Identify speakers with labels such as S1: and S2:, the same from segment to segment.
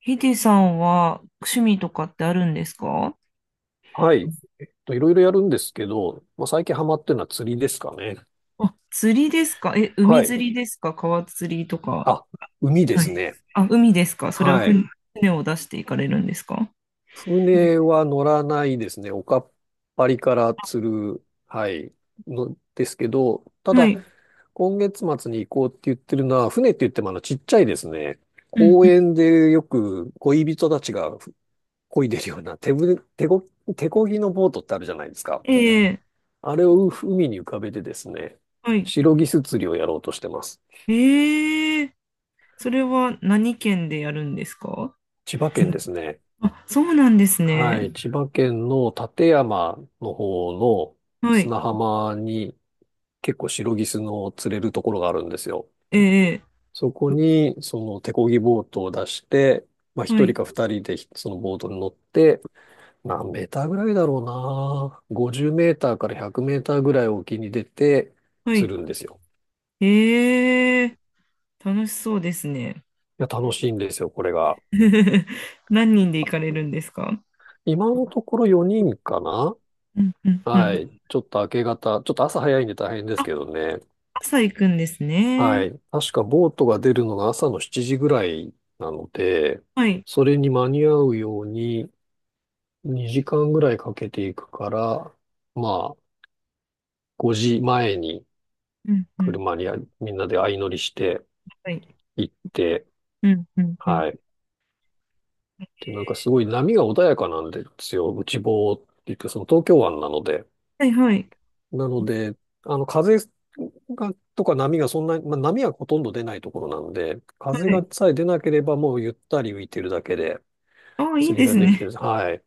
S1: ヒデさんは趣味とかってあるんですか？
S2: はい。といろいろやるんですけど、まあ、最近ハマってるのは釣りですかね。
S1: あ、釣りですか？え、
S2: は
S1: 海
S2: い。
S1: 釣りですか？川釣りとか。
S2: あ、海で
S1: は
S2: す
S1: い。
S2: ね。
S1: あ、海ですか？それは
S2: はい。
S1: 船、船を出していかれるんですか？
S2: 船は乗らないですね。おかっぱりから釣る、はい、のですけど、た
S1: は
S2: だ、
S1: い。
S2: 今月末に行こうって言ってるのは、船って言ってもちっちゃいですね。
S1: うん
S2: 公
S1: うん。
S2: 園でよく恋人たちが漕いでるような手ぶ、手こ、手漕ぎのボートってあるじゃないですか。
S1: ええ。
S2: あれを海に浮かべてですね、
S1: はい。
S2: シロギス釣りをやろうとしてます。
S1: ええ。それは何県でやるんですか？
S2: 千葉県ですね。
S1: あ、そうなんですね。
S2: はい。千葉県の館山の方の
S1: はい。
S2: 砂浜に結構シロギスの釣れるところがあるんですよ。
S1: ええ。
S2: そこにその手漕ぎボートを出して、まあ
S1: は
S2: 一人
S1: い。
S2: か二人でそのボートに乗って、何メーターぐらいだろうな。50メーターから100メーターぐらい沖に出て
S1: はい。
S2: 釣るんですよ。
S1: ええ。楽しそうですね。
S2: いや、楽しいんですよ、これが。
S1: 何人で行かれるんですか？
S2: 今のところ4人かな。
S1: うんうんう
S2: は
S1: ん。
S2: い。ちょっと明け方、ちょっと朝早いんで大変ですけどね。
S1: 朝行くんです
S2: は
S1: ね。
S2: い。確かボートが出るのが朝の7時ぐらいなので、
S1: はい。
S2: それに間に合うように2時間ぐらいかけていくから、まあ、5時前に
S1: うん、うん。
S2: 車にみんなで相乗りして
S1: はい。
S2: 行って、
S1: うん、うん、うん。
S2: はい。で、なんかすごい波が穏やかなんですよ。内房って言って、その東京湾なので。
S1: はい、はい。
S2: なので、風が、とか波がそんなに、まあ、波はほとんど出ないところなんで、風
S1: は
S2: が
S1: い。
S2: さえ出なければもうゆったり浮いてるだけで、
S1: ああ、いい
S2: 釣り
S1: で
S2: が
S1: す
S2: できてる
S1: ね。
S2: んです。はい。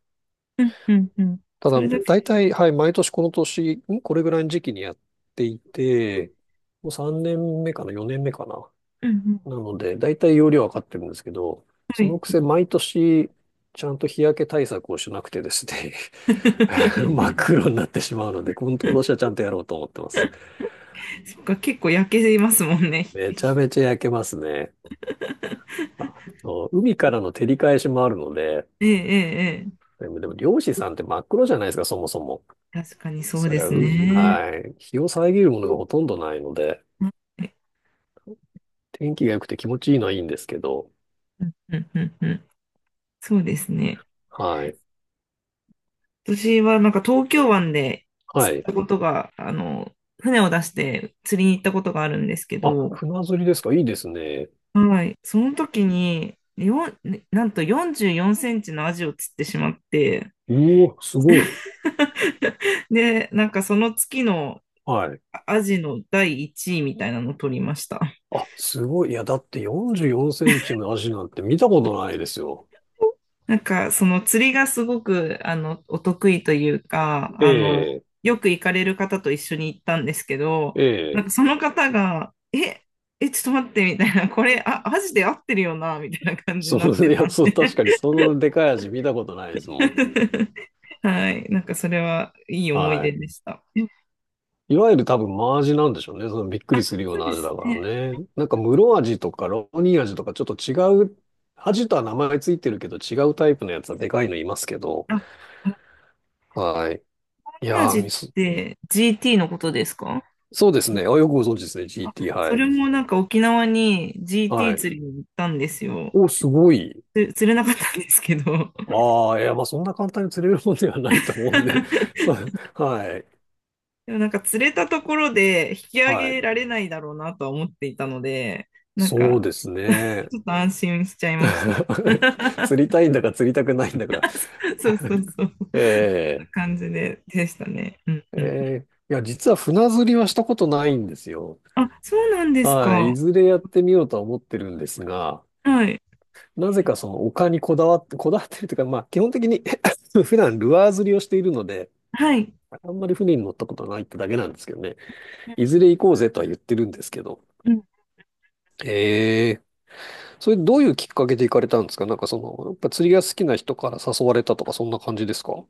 S1: うん、うん、うん。
S2: た
S1: そ
S2: だ、
S1: れだ
S2: 大
S1: け。
S2: 体、はい、毎年これぐらいの時期にやっていて、もう3年目かな、4年目かな。
S1: うん、うん。
S2: なので、大体容量は分かってるんですけど、
S1: は
S2: そ
S1: い。
S2: のくせ毎年、ちゃんと日焼け対策をしなくてですね 真っ 黒になってしまうので、今年はちゃんとやろうと思ってます。
S1: そっか、結構焼けますもんね。
S2: めちゃめちゃ焼けますね。あ、そう、海からの照り返しもあるので、
S1: ええ、ええ、ええ。
S2: でも漁師さんって真っ黒じゃないですか、そもそも。
S1: 確かにそう
S2: そ
S1: で
S2: りゃ
S1: す
S2: う、
S1: ね。
S2: はい。日を遮るものがほとんどないので、
S1: はい。
S2: 天気が良くて気持ちいいのはいいんですけど、
S1: うん、うん、うん、うん。そうですね。
S2: はい。
S1: 私はなんか東京湾で
S2: は
S1: 釣っ
S2: い。
S1: たことが、あの、船を出して釣りに行ったことがあるんですけ
S2: あ、
S1: ど、
S2: 船釣りですか？いいですね。
S1: はい。その時に、よん、ねなんと44センチのアジを釣ってしまって、
S2: うお、すごい。
S1: で、なんかその月の
S2: はい。
S1: アジの第1位みたいなのを取りました。
S2: あ、すごい。いや、だって44センチの足なんて見たことないですよ。
S1: なんかその釣りがすごくあのお得意というか、
S2: え
S1: あの、
S2: え、
S1: よく行かれる方と一緒に行ったんですけど、
S2: え
S1: なん
S2: え。
S1: かその方が、え、え、ちょっと待ってみたいな、これ、あ、アジで合ってるよな、みたいな感じになって
S2: い
S1: た
S2: や、
S1: ん
S2: そう、
S1: で。
S2: 確かにそのでかい足見たことないですもん。
S1: はい。なんかそれはいい思い
S2: は
S1: 出
S2: い。
S1: でした。
S2: いわゆる多分真味なんでしょうね。そのびっく
S1: あ、
S2: りするよう
S1: そう
S2: な
S1: で
S2: 味だ
S1: す
S2: から
S1: ね。
S2: ね。なんか室味とかロニー味とかちょっと違う、味とは名前ついてるけど違うタイプのやつはでかいのいますけど。
S1: あ、ハ
S2: はい。い
S1: ーミ
S2: や
S1: 味
S2: ー、
S1: っ
S2: ミス。
S1: て GT のことですか？
S2: そうです
S1: そ
S2: ね。あ、よくご存知ですね。
S1: あ、
S2: GT、
S1: そ
S2: は
S1: れ
S2: い。
S1: もなんか沖縄に
S2: は
S1: GT
S2: い。
S1: 釣りに行ったんですよ。
S2: お、すごい。
S1: 釣れなかったんですけど。
S2: ああ、いや、まあそんな簡単に釣れるもんではないと思うんで。そ う、はい。
S1: でもなんか釣れたところで引き上
S2: は
S1: げ
S2: い。
S1: られないだろうなとは思っていたので、なんか
S2: そうですね。
S1: ちょっと安心しちゃいました。
S2: 釣り たいんだか釣りたくないんだか。
S1: そうそう そう。
S2: ええ
S1: 感じでしたね。うん
S2: え
S1: うん。
S2: え、いや、実は船釣りはしたことないんですよ。
S1: あ、そうなんです
S2: はい。
S1: か。
S2: いずれやってみようとは思ってるんですが、
S1: はい。
S2: なぜかその丘にこだわってるというか、まあ基本的に 普段ルアー釣りをしているので、
S1: はい。
S2: あんまり船に乗ったことないってだけなんですけどね。いずれ行こうぜとは言ってるんですけど。
S1: うん。
S2: ええ、それどういうきっかけで行かれたんですか？なんかその、やっぱ釣りが好きな人から誘われたとかそんな感じですか？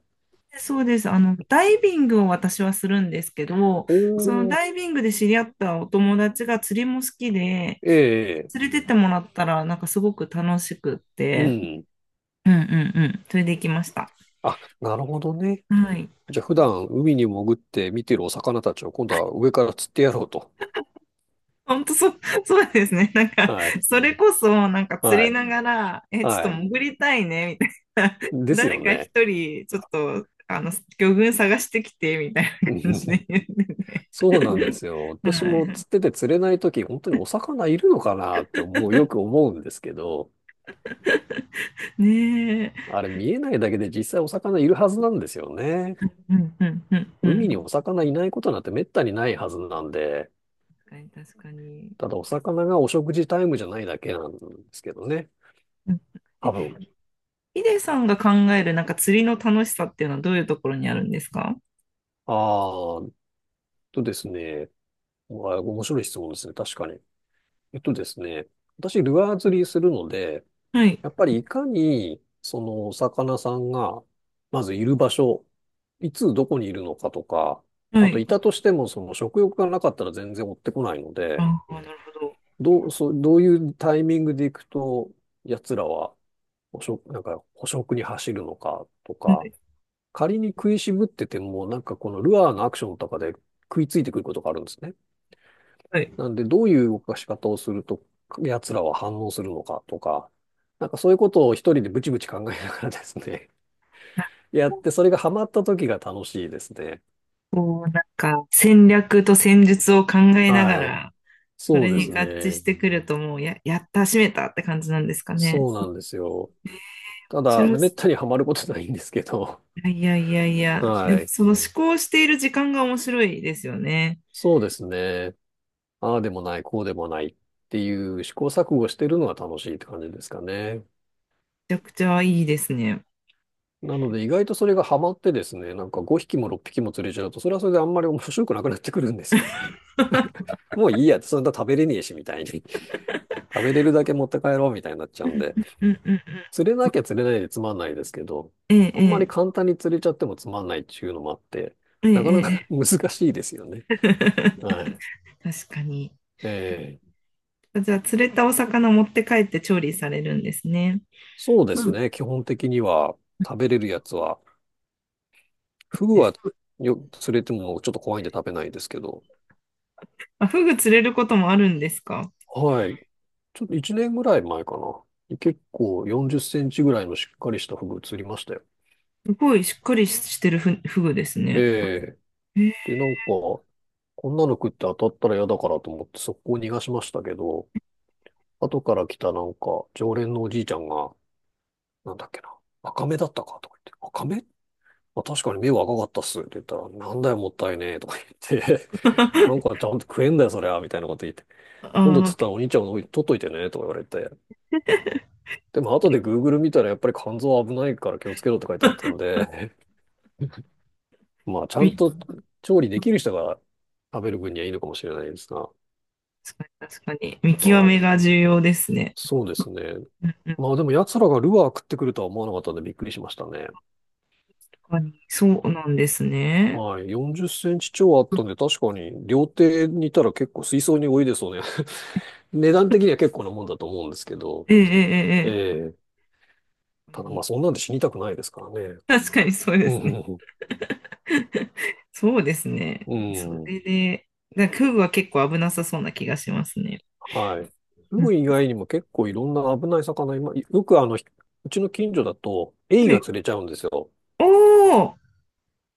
S1: そうです。あの、ダイビングを私はするんですけど、その
S2: おー、
S1: ダイビングで知り合ったお友達が釣りも好きで、
S2: ええ、
S1: 連れてってもらったら、なんかすごく楽しくっ
S2: う
S1: て、
S2: ん。
S1: うんうんうん、それで行きました。
S2: あ、なるほどね。
S1: はい。
S2: じゃあ普段海に潜って見てるお魚たちを今度は上から釣ってやろうと。
S1: 本当そう、そうですね。なんか、
S2: はい。
S1: それこそ、なんか釣
S2: は
S1: り
S2: い。
S1: ながら、え、ちょ
S2: は
S1: っと
S2: い。
S1: 潜りたいね、みたいな。
S2: です
S1: 誰
S2: よ
S1: か一
S2: ね。
S1: 人、ちょっと、あの、魚群探してきて、みたい な
S2: う
S1: 感じ
S2: ん、
S1: で言ってて。
S2: そうなんですよ。
S1: は
S2: 私も
S1: い。
S2: 釣ってて釣れないとき、本当にお魚いるのかなってよく思うんですけど、
S1: ねえ。
S2: あれ見えないだけで実際お魚いるはずなんですよね。
S1: うんうんうんう
S2: 海にお
S1: ん。
S2: 魚いないことなんてめったにないはずなんで、
S1: 確かに。
S2: ただお魚がお食事タイムじゃないだけなんですけどね。
S1: うん。
S2: 多
S1: え、
S2: 分。
S1: ヒデさんが考えるなんか釣りの楽しさっていうのはどういうところにあるんですか？
S2: ああ、とですね。うわ面白い質問ですね。確かに。えっとですね、私、ルアー釣りするので、
S1: はい、
S2: やっぱりいかに、お魚さんが、まずいる場所、いつどこにいるのかとか、
S1: は
S2: あと、
S1: い。
S2: いたとしても、食欲がなかったら全然追ってこないので、
S1: ああ、なるほど。
S2: どういうタイミングで行くと、奴らは、捕食に走るのかと
S1: は
S2: か、
S1: い、
S2: 仮に食いしぶってても、なんかこのルアーのアクションとかで食いついてくることがあるんですね。
S1: はい。
S2: なんで、どういう動かし方をすると、奴らは反応するのかとか、なんかそういうことを一人でブチブチ考えながらですね、やって、それがハマった時が楽しいですね。
S1: こう、なんか、戦略と戦術を考えなが
S2: はい。
S1: ら、そ
S2: そ
S1: れ
S2: うで
S1: に
S2: す
S1: 合致し
S2: ね。
S1: てくると、もう、やった、締めたって感じなんですかね。
S2: そうな
S1: 面
S2: んですよ。た
S1: 白
S2: だ、
S1: い。
S2: めったにハマることないんですけど、
S1: いやいやいやい や、で
S2: は
S1: も、
S2: い。
S1: その思考している時間が面白いですよね。
S2: そうですね。ああでもない、こうでもないっていう試行錯誤してるのが楽しいって感じですかね。
S1: めちゃくちゃいいですね。
S2: なので意外とそれがハマってですね、なんか5匹も6匹も釣れちゃうと、それはそれであんまり面白くなくなってくるんですよね。もういいや、そんな食べれねえし、みたいに。食べれるだけ持って帰ろう、みたいになっちゃうんで。
S1: うんうん。
S2: 釣れなきゃ釣れないでつまんないですけど、あんまり
S1: え
S2: 簡単に釣れちゃってもつまんないっていうのもあって、
S1: え、ええ、
S2: なかな
S1: え
S2: か
S1: え。
S2: 難しいですよ
S1: ええ。
S2: ね。はい。
S1: 確かに。
S2: えー
S1: じゃあ、釣れたお魚持って帰って調理されるんですね。
S2: そうで
S1: フう
S2: す
S1: グん。
S2: ね。基本的には食べれるやつは、フグ
S1: です。
S2: は釣れてもちょっと怖いんで食べないですけど、
S1: あ、フグ釣れることもあるんですか？
S2: はい。ちょっと1年ぐらい前かな。結構40センチぐらいのしっかりしたフグ釣りましたよ。
S1: すごいしっかりしてるフグです
S2: え
S1: ね。
S2: え。で、なんか、こんなの食って当たったら嫌だからと思って速攻逃がしましたけど、後から来たなんか、常連のおじいちゃんが、なんだっけな、赤目だったかとか言って、赤目、まあ、確かに目は赤かったっすって言ったら、なんだよもったいねえとか言って、なん かちゃんと食えんだよそりゃ、みたいなこと言って、
S1: あ
S2: 今度釣った
S1: あ。
S2: らお兄ちゃんの方取っといてね、とか言われて、でも後で Google 見たらやっぱり肝臓危ないから気をつけろって書いてあったんで、まあちゃんと
S1: 確
S2: 調理できる人が食べる分にはいいのかもしれないですが、
S1: かに、確かに。見極
S2: は
S1: め
S2: い。
S1: が重要ですね。
S2: そうですね。
S1: うんうん、
S2: まあでも奴らがルアー食ってくるとは思わなかったんでびっくりしましたね。
S1: 確かに。そうなんですね。
S2: はい。40センチ超あったんで、確かに料亭にいたら結構水槽に泳いでそうね。値段的には結構なもんだと思うんですけど。
S1: ええええ
S2: ええ、
S1: え
S2: ただまあ
S1: え。
S2: そんなんで死にたくないですからね。
S1: 確かにそうで
S2: うん、
S1: すね。
S2: うん、
S1: そうですね。
S2: う
S1: そ
S2: ん、うん。
S1: れで、なんかフグは結構危なさそうな気がしますね。
S2: はい。フ
S1: うん。
S2: グ以外にも結構いろんな危ない魚、今、よくうちの近所だと、エ
S1: は
S2: イ
S1: い。
S2: が釣れちゃうんですよ。
S1: おー、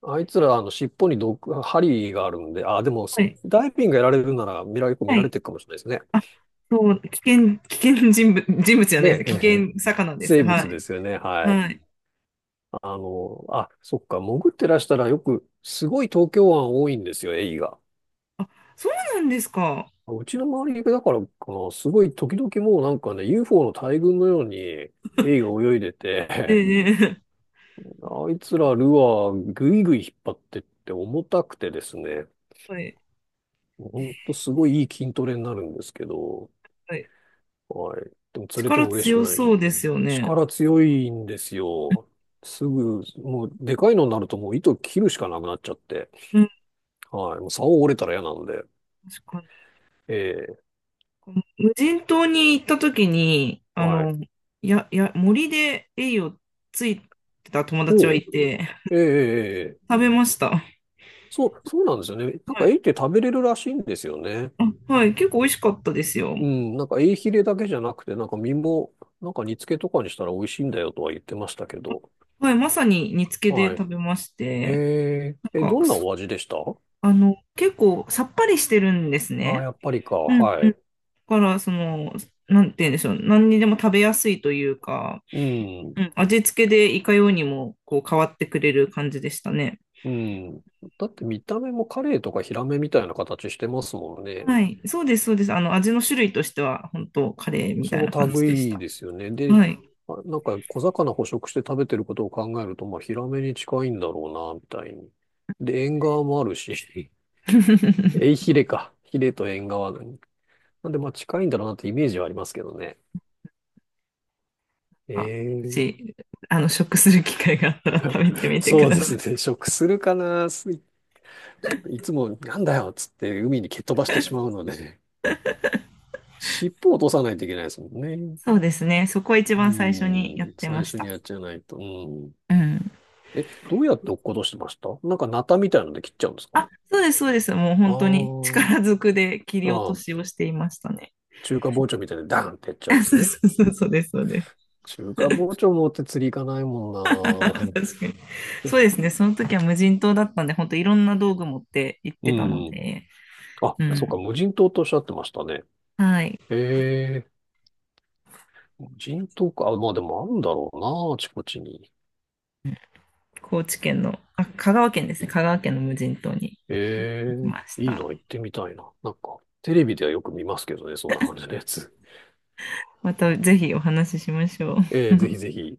S2: あいつら、尻尾に針があるんで、あ、でも、
S1: は
S2: ス
S1: い、
S2: ダイビングやられるなら、見られ、結構見
S1: は
S2: られ
S1: い。
S2: てるかもしれないですね。
S1: あ、そう、危険人物、人物じゃな
S2: ね
S1: いです。
S2: え、え
S1: 危
S2: え、
S1: 険魚です。
S2: 生
S1: は
S2: 物
S1: い。
S2: ですよね。はい。
S1: はい。
S2: あ、そっか、潜ってらしたらよく、すごい東京湾多いんですよ、エイが。
S1: あ、そうなんですか。
S2: うちの周りだからかな、すごい時々もうなんかね、UFO の大群のように、エイが泳いでて、
S1: ええ。
S2: あいつらルアーぐいぐい引っ張ってって重たくてですね、
S1: はい。
S2: ほんとすごいいい筋トレになるんですけど、
S1: はい。
S2: はい。でも釣れて
S1: 力
S2: も嬉しく
S1: 強
S2: ないし。
S1: そうですよね。
S2: 力強いんですよ。すぐ、もう、でかいのになるともう糸切るしかなくなっちゃって。
S1: うん、
S2: はい。もう竿折れたら嫌なんで。
S1: 確かに。
S2: ええ。
S1: この無人島に行った時に、あ
S2: はい。
S1: の、森でエイをついてた友達は
S2: お
S1: い
S2: う。
S1: て、
S2: ええええええ、
S1: 食べました。
S2: そう、そうなんですよね。なん
S1: は
S2: か、エ
S1: い。
S2: イって食べれるらしいんですよね。
S1: あ、はい。結構美味しかったですよ。
S2: うん。なんか、エイヒレだけじゃなくて、なんか、身も、なんか、煮付けとかにしたら美味しいんだよとは言ってましたけど。
S1: はい。まさに煮付けで
S2: はい。
S1: 食べまし
S2: え
S1: て、
S2: ええ、
S1: なんか、
S2: どんなお味でした？あ
S1: あの、結構さっぱりしてるんです
S2: あー、
S1: ね。
S2: やっぱりか。
S1: うん
S2: は
S1: うん。
S2: い。
S1: だから、その、なんて言うんでしょう。何にでも食べやすいというか、
S2: うん。
S1: うん、味付けでいかようにもこう変わってくれる感じでしたね。
S2: うん。だって見た目もカレイとかヒラメみたいな形してますもんね。
S1: はい。そうです、そうです。あの、味の種類としては、本当カレーみ
S2: そ
S1: たい
S2: の
S1: な感じでし
S2: 類い
S1: た。
S2: ですよね。で、
S1: はい。
S2: あ、なんか小魚捕食して食べてることを考えると、まあヒラメに近いんだろうな、みたいに。で、縁側もあるし、エイ ヒレか。ヒレと縁側なんで、まあ近いんだろうなってイメージはありますけどね。え
S1: あ、も
S2: え、
S1: し、あの、食する機会があったら食べてみてく
S2: そう
S1: だ
S2: で
S1: さ
S2: す
S1: い。
S2: ね。食するかな。いつもなんだよっつって海に蹴っ飛ばしてしまうので、尻尾を落とさないといけないですもんね。
S1: そうですね。そこは一
S2: う
S1: 番最初にやっ
S2: ん。
S1: てま
S2: 最
S1: し
S2: 初に
S1: た。
S2: やっちゃないと。うん。
S1: うん。
S2: え、どうやって落っことしてました？なんかナタみたいので切っちゃうんですか？
S1: あ、そうです、そうです。もう
S2: あ
S1: 本当に
S2: ー、
S1: 力ずくで切
S2: あ
S1: り落と
S2: ー。
S1: し
S2: あ、
S1: をしていましたね。
S2: 中華包丁みたいでダーンってやっ ちゃうん
S1: あ
S2: です
S1: そう
S2: ね。
S1: そうそう、そうです、そうです。
S2: 中華包丁持って釣り行かない
S1: 確
S2: もん
S1: かに。
S2: な。
S1: そ うですね。その時は無人島だったんで、本当いろんな道具持って行っ
S2: う
S1: てたの
S2: ん。
S1: で、
S2: あ、
S1: う
S2: そっか、
S1: ん。
S2: 無人島とおっしゃってましたね。
S1: はい。
S2: へえ、無人島か。あ、まあでもあるんだろうな、あちこちに。
S1: 高知県の、あ、香川県ですね。香川県の無人島に
S2: へ
S1: 行きま
S2: え、
S1: し
S2: いいな、
S1: た。
S2: 行ってみたいな。なんか、テレビではよく見ますけどね、そんな感じのやつ。
S1: またぜひお話ししましょう。
S2: ええ、ぜひぜひ。